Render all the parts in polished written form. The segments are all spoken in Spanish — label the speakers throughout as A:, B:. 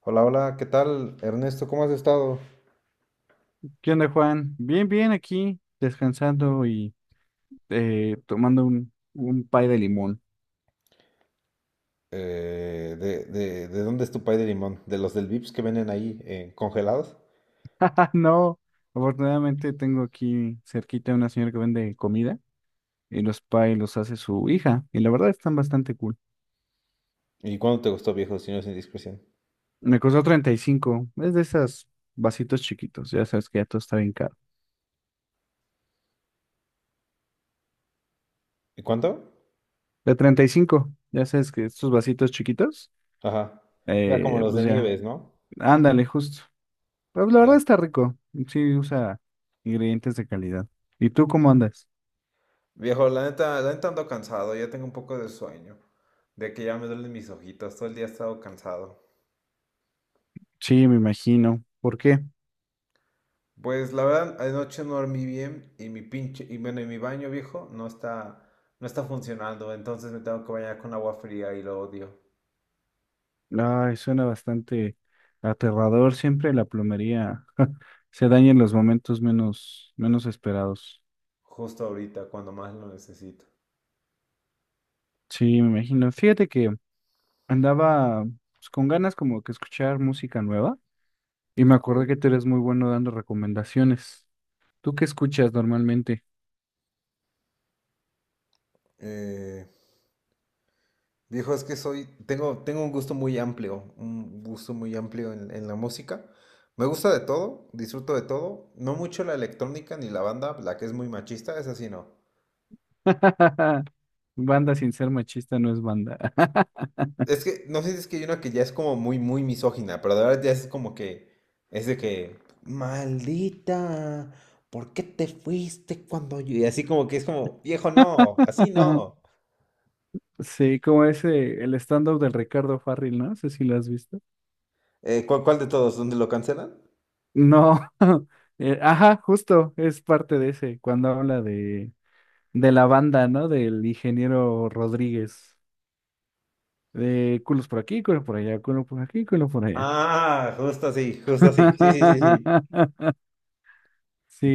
A: Hola, hola, ¿qué tal, Ernesto? ¿Cómo has estado?
B: ¿Qué onda, Juan? Bien, bien, aquí descansando y tomando un pay de limón.
A: ¿ de dónde es tu pay de limón? ¿De los del Vips que venden ahí congelados?
B: Ah, no, afortunadamente tengo aquí cerquita una señora que vende comida y los pay los hace su hija y la verdad están bastante cool.
A: ¿Y cuánto te gustó, viejo, si no es indiscreción?
B: Me costó 35, es de esas vasitos chiquitos, ya sabes que ya todo está bien caro.
A: ¿Y cuánto?
B: De 35, ya sabes que estos vasitos chiquitos,
A: Ajá. Ya como los
B: pues
A: de
B: ya,
A: Nieves, ¿no?
B: ándale, justo. Pero la verdad
A: Ya.
B: está rico, sí usa ingredientes de calidad. ¿Y tú cómo andas?
A: Viejo, la neta ando cansado, ya tengo un poco de sueño, de que ya me duelen mis ojitos, todo el día he estado cansado.
B: Sí, me imagino. ¿Por qué?
A: Pues la verdad, anoche no dormí bien y mi pinche, y bueno, y mi baño viejo no está, no está funcionando, entonces me tengo que bañar con agua fría y lo odio.
B: Ay, suena bastante aterrador. Siempre la plomería se daña en los momentos menos esperados.
A: Justo ahorita, cuando más lo necesito.
B: Sí, me imagino. Fíjate que andaba pues, con ganas como que escuchar música nueva y me
A: Ok.
B: acordé que tú eres muy bueno dando recomendaciones. ¿Tú qué escuchas normalmente?
A: Eh, Viejo, es que soy, tengo un gusto muy amplio, un gusto muy amplio en la música. Me gusta de todo, disfruto de todo. No mucho la electrónica ni la banda, la que es muy machista, esa sí no.
B: Banda sin ser machista no es banda.
A: Es que no sé si es que hay una que ya es como muy, muy misógina, pero de verdad ya es como que, es de que, maldita, ¿por qué te fuiste cuando yo? Y así como que es como, viejo, no, así no.
B: Sí, como ese, el stand-up del Ricardo Farril, ¿no? No sé si lo has visto.
A: ¿ cuál de todos? ¿Dónde lo cancelan?
B: No, ajá, justo es parte de ese, cuando habla de la banda, ¿no? Del ingeniero Rodríguez, de culos por aquí, culo por allá, culo por aquí, culo por allá.
A: Ah, justo así, justo así. Sí, sí, sí, sí.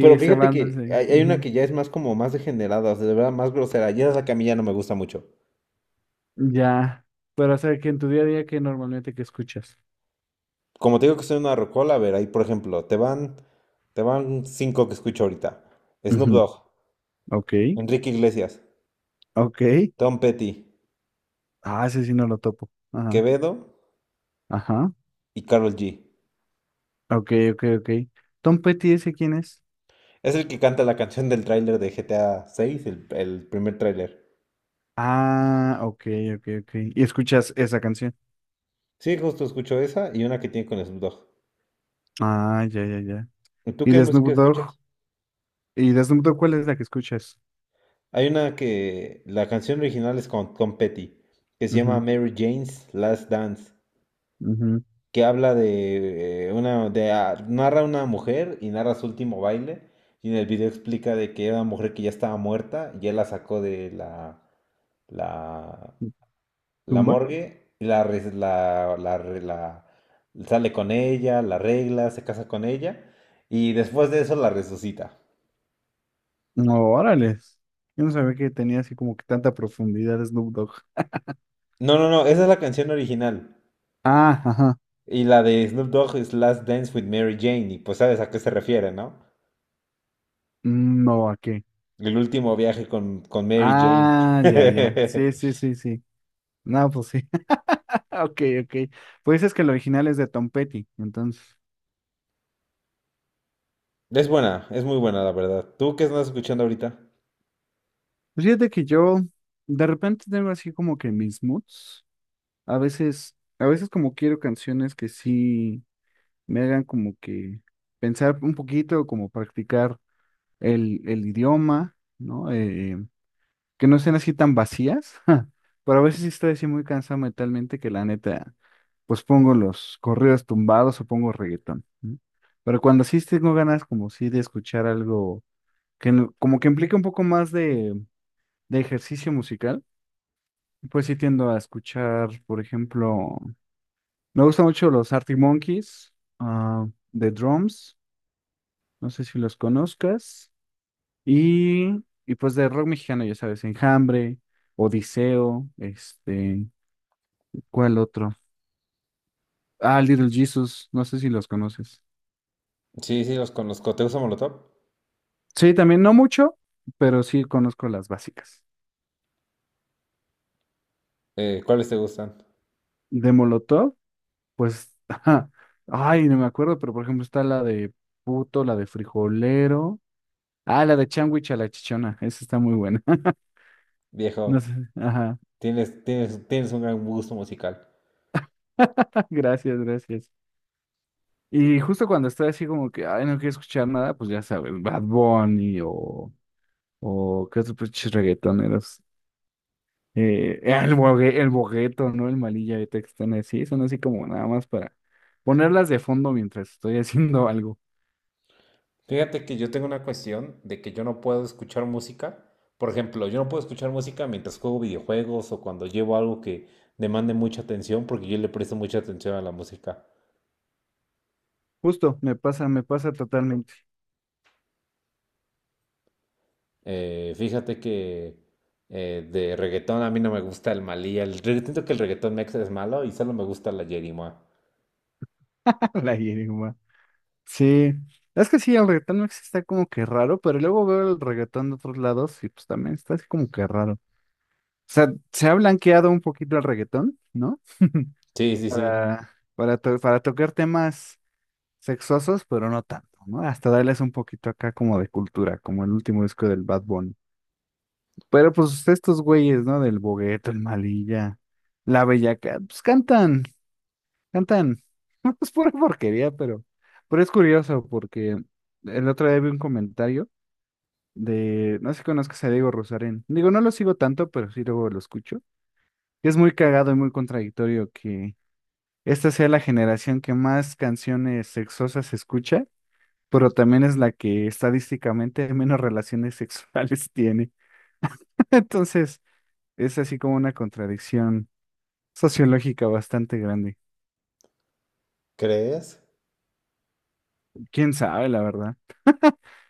A: Pero sí,
B: esa
A: fíjate
B: banda,
A: que
B: sí.
A: hay una
B: Ujú.
A: que ya es más como más degenerada, o sea, de verdad más grosera. Ya esa es la que a mí ya no me gusta mucho.
B: Ya, pero o sea, que en tu día a día, ¿qué normalmente que escuchas?
A: Como te digo que soy una rocola, a ver, ahí por ejemplo, te van cinco que escucho ahorita. Snoop
B: Ujú.
A: Dogg,
B: Ok,
A: Enrique Iglesias,
B: ok.
A: Tom Petty,
B: Ah, ese sí no lo topo. Ajá,
A: Quevedo
B: ajá.
A: y Karol G.
B: Ok, ok, ok. Tom Petty, ¿ese quién es?
A: Es el que canta la canción del tráiler de GTA 6, el primer tráiler.
B: Ah, ok, ok, ok. ¿Y escuchas esa canción?
A: Sí, justo escucho esa y una que tiene con Snoop Dogg.
B: Ah, ya, ya, ya.
A: ¿Y tú
B: ¿Y
A: qué
B: de
A: música
B: Snoop Dogg?
A: escuchas?
B: ¿Y de Snoop Dogg cuál es la que escuchas?
A: Hay una que la canción original es con Tom Petty, que se llama
B: Ujú,
A: Mary Jane's Last Dance,
B: ujú.
A: que habla de narra una mujer y narra su último baile, y en el video explica de que era una mujer que ya estaba muerta, y él la sacó de la, la
B: ¿Tumba?
A: morgue, y sale con ella, la arregla, se casa con ella, y después de eso la resucita.
B: No, órale. Yo no sabía que tenía así como que tanta profundidad Snoop Dogg.
A: No, no, no, esa es la canción original.
B: Ah, ajá.
A: Y la de Snoop Dogg es Last Dance with Mary Jane. Y pues sabes a qué se refiere, ¿no?
B: Mm, no, ¿a qué?
A: El último viaje con Mary Jane.
B: Ah, ya, ya. Sí, sí, sí, sí. No, pues sí. Ok, ok. Pues es que el original es de Tom Petty. Entonces,
A: Es buena, es muy buena, la verdad. ¿Tú qué estás escuchando ahorita?
B: pues fíjate que yo de repente tengo así como que mis moods. A veces, como quiero canciones que sí me hagan como que pensar un poquito, como practicar el idioma, ¿no? Que no sean así tan vacías, pero a veces sí estoy así muy cansado mentalmente que la neta, pues pongo los corridos tumbados o pongo reggaetón, ¿no? Pero cuando sí tengo ganas como sí de escuchar algo que no- como que implique un poco más de ejercicio musical, pues sí tiendo a escuchar, por ejemplo, me gustan mucho los Arctic Monkeys, ah, The Drums. No sé si los conozcas. Y pues de rock mexicano, ya sabes, Enjambre, Odiseo, este, ¿cuál otro? Ah, Little Jesus, no sé si los conoces.
A: Sí, sí, los conozco. ¿Te gusta Molotov?
B: Sí, también no mucho, pero sí conozco las básicas.
A: ¿Cuáles te gustan?
B: De Molotov, pues, ajá, ay, no me acuerdo, pero por ejemplo está la de Puto, la de Frijolero. Ah, la de Changuich a la Chichona, esa está muy buena. No
A: Viejo,
B: sé, ajá.
A: tienes un gran gusto musical.
B: Gracias, gracias. Y justo cuando estoy así como que, ay, no quiero escuchar nada, pues ya sabes, Bad Bunny o qué otros pinches reggaetoneros. El bogueto, ¿no? El malilla de están así, son así como nada más para ponerlas de fondo mientras estoy haciendo algo.
A: Fíjate que yo tengo una cuestión de que yo no puedo escuchar música. Por ejemplo, yo no puedo escuchar música mientras juego videojuegos o cuando llevo algo que demande mucha atención porque yo le presto mucha atención a la música.
B: Justo, me pasa totalmente.
A: Fíjate que de reggaetón a mí no me gusta el Malí. El reggaetón, siento que el reggaetón mexa es malo y solo me gusta la Yerimoa.
B: La hierba. Sí, es que sí, el reggaetón mexicano está como que raro, pero luego veo el reggaetón de otros lados y pues también está así como que raro. O sea, se ha blanqueado un poquito el reggaetón, ¿no?
A: Sí, sí, sí.
B: para, para tocar temas sexosos, pero no tanto, ¿no? Hasta darles un poquito acá como de cultura, como el último disco del Bad Bunny. Pero pues estos güeyes, ¿no? Del Bogueto, el Malilla, la Bellaca, pues cantan. Es pura porquería, pero es curioso porque el otro día vi un comentario de, no sé si conozcas a Diego Rosarín. Digo, no lo sigo tanto, pero sí luego lo escucho. Que es muy cagado y muy contradictorio que esta sea la generación que más canciones sexosas escucha, pero también es la que estadísticamente menos relaciones sexuales tiene. Entonces, es así como una contradicción sociológica bastante grande.
A: ¿Crees?
B: Quién sabe, la verdad.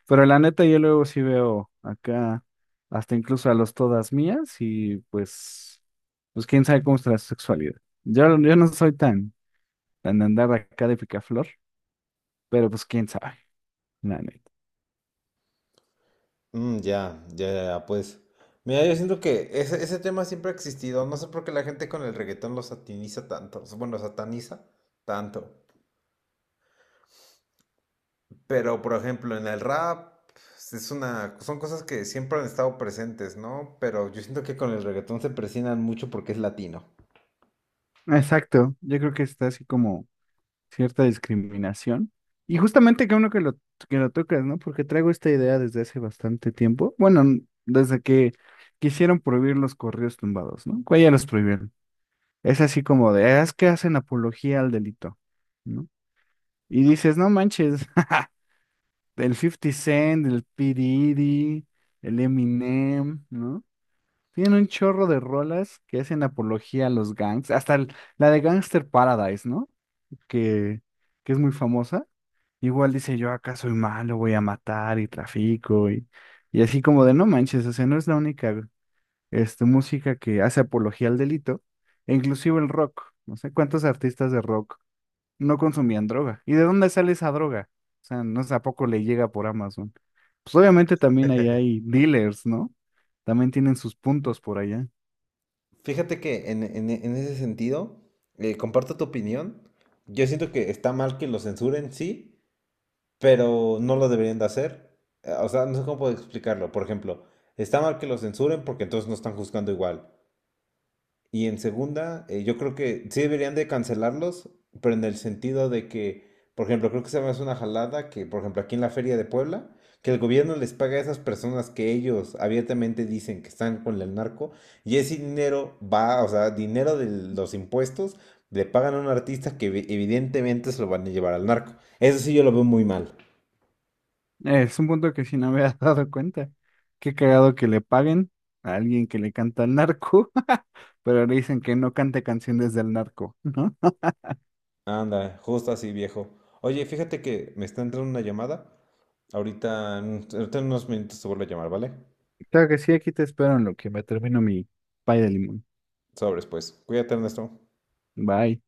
B: Pero la neta, yo luego sí veo acá hasta incluso a los todas mías y pues, pues quién sabe cómo está la sexualidad. Yo no soy tan de andar acá de picaflor, pero pues quién sabe, la neta.
A: Mm, ya, ya, ya, pues. Mira, yo siento que ese tema siempre ha existido. No sé por qué la gente con el reggaetón lo sataniza tanto. Bueno, sataniza tanto. Pero, por ejemplo, en el rap pues, son cosas que siempre han estado presentes, ¿no? Pero yo siento que con el reggaetón se presionan mucho porque es latino.
B: Exacto, yo creo que está así como cierta discriminación. Y justamente que uno que lo tocas, ¿no? Porque traigo esta idea desde hace bastante tiempo. Bueno, desde que quisieron prohibir los correos tumbados, ¿no? Que ya los prohibieron. Es así como de, "Ah, es que hacen apología al delito, ¿no?" Y dices, no manches, el Fifty Cent, el P. Diddy, el Eminem, ¿no? Tienen un chorro de rolas que hacen apología a los gangs, hasta la de Gangster Paradise, ¿no? Que, que es muy famosa. Igual dice yo acá soy malo, voy a matar y trafico y así como de no manches, o sea, no es la única este, música que hace apología al delito, e inclusive el rock, no sé cuántos artistas de rock no consumían droga. ¿Y de dónde sale esa droga? O sea, no sé, ¿a poco le llega por Amazon? Pues obviamente también ahí hay dealers, ¿no? También tienen sus puntos por allá.
A: Fíjate que en ese sentido, comparto tu opinión. Yo siento que está mal que lo censuren, sí, pero no lo deberían de hacer. O sea, no sé cómo puedo explicarlo. Por ejemplo, está mal que lo censuren porque entonces no están juzgando igual. Y en segunda, yo creo que sí deberían de cancelarlos, pero en el sentido de que, por ejemplo, creo que se me hace una jalada que, por ejemplo, aquí en la Feria de Puebla, que el gobierno les paga a esas personas que ellos abiertamente dicen que están con el narco, y ese dinero va, o sea, dinero de los impuestos, le pagan a un artista que evidentemente se lo van a llevar al narco. Eso sí yo lo veo muy mal.
B: Es un punto que sí no me había dado cuenta. Qué cagado que le paguen a alguien que le canta al narco, pero le dicen que no cante canciones del narco, ¿no?
A: Anda, justo así, viejo. Oye, fíjate que me está entrando una llamada. Ahorita, ahorita en unos minutos te vuelvo a llamar, ¿vale?
B: Claro que sí, aquí te espero en lo que me termino mi pay de limón.
A: Sobres, pues. Cuídate, Ernesto.
B: Bye.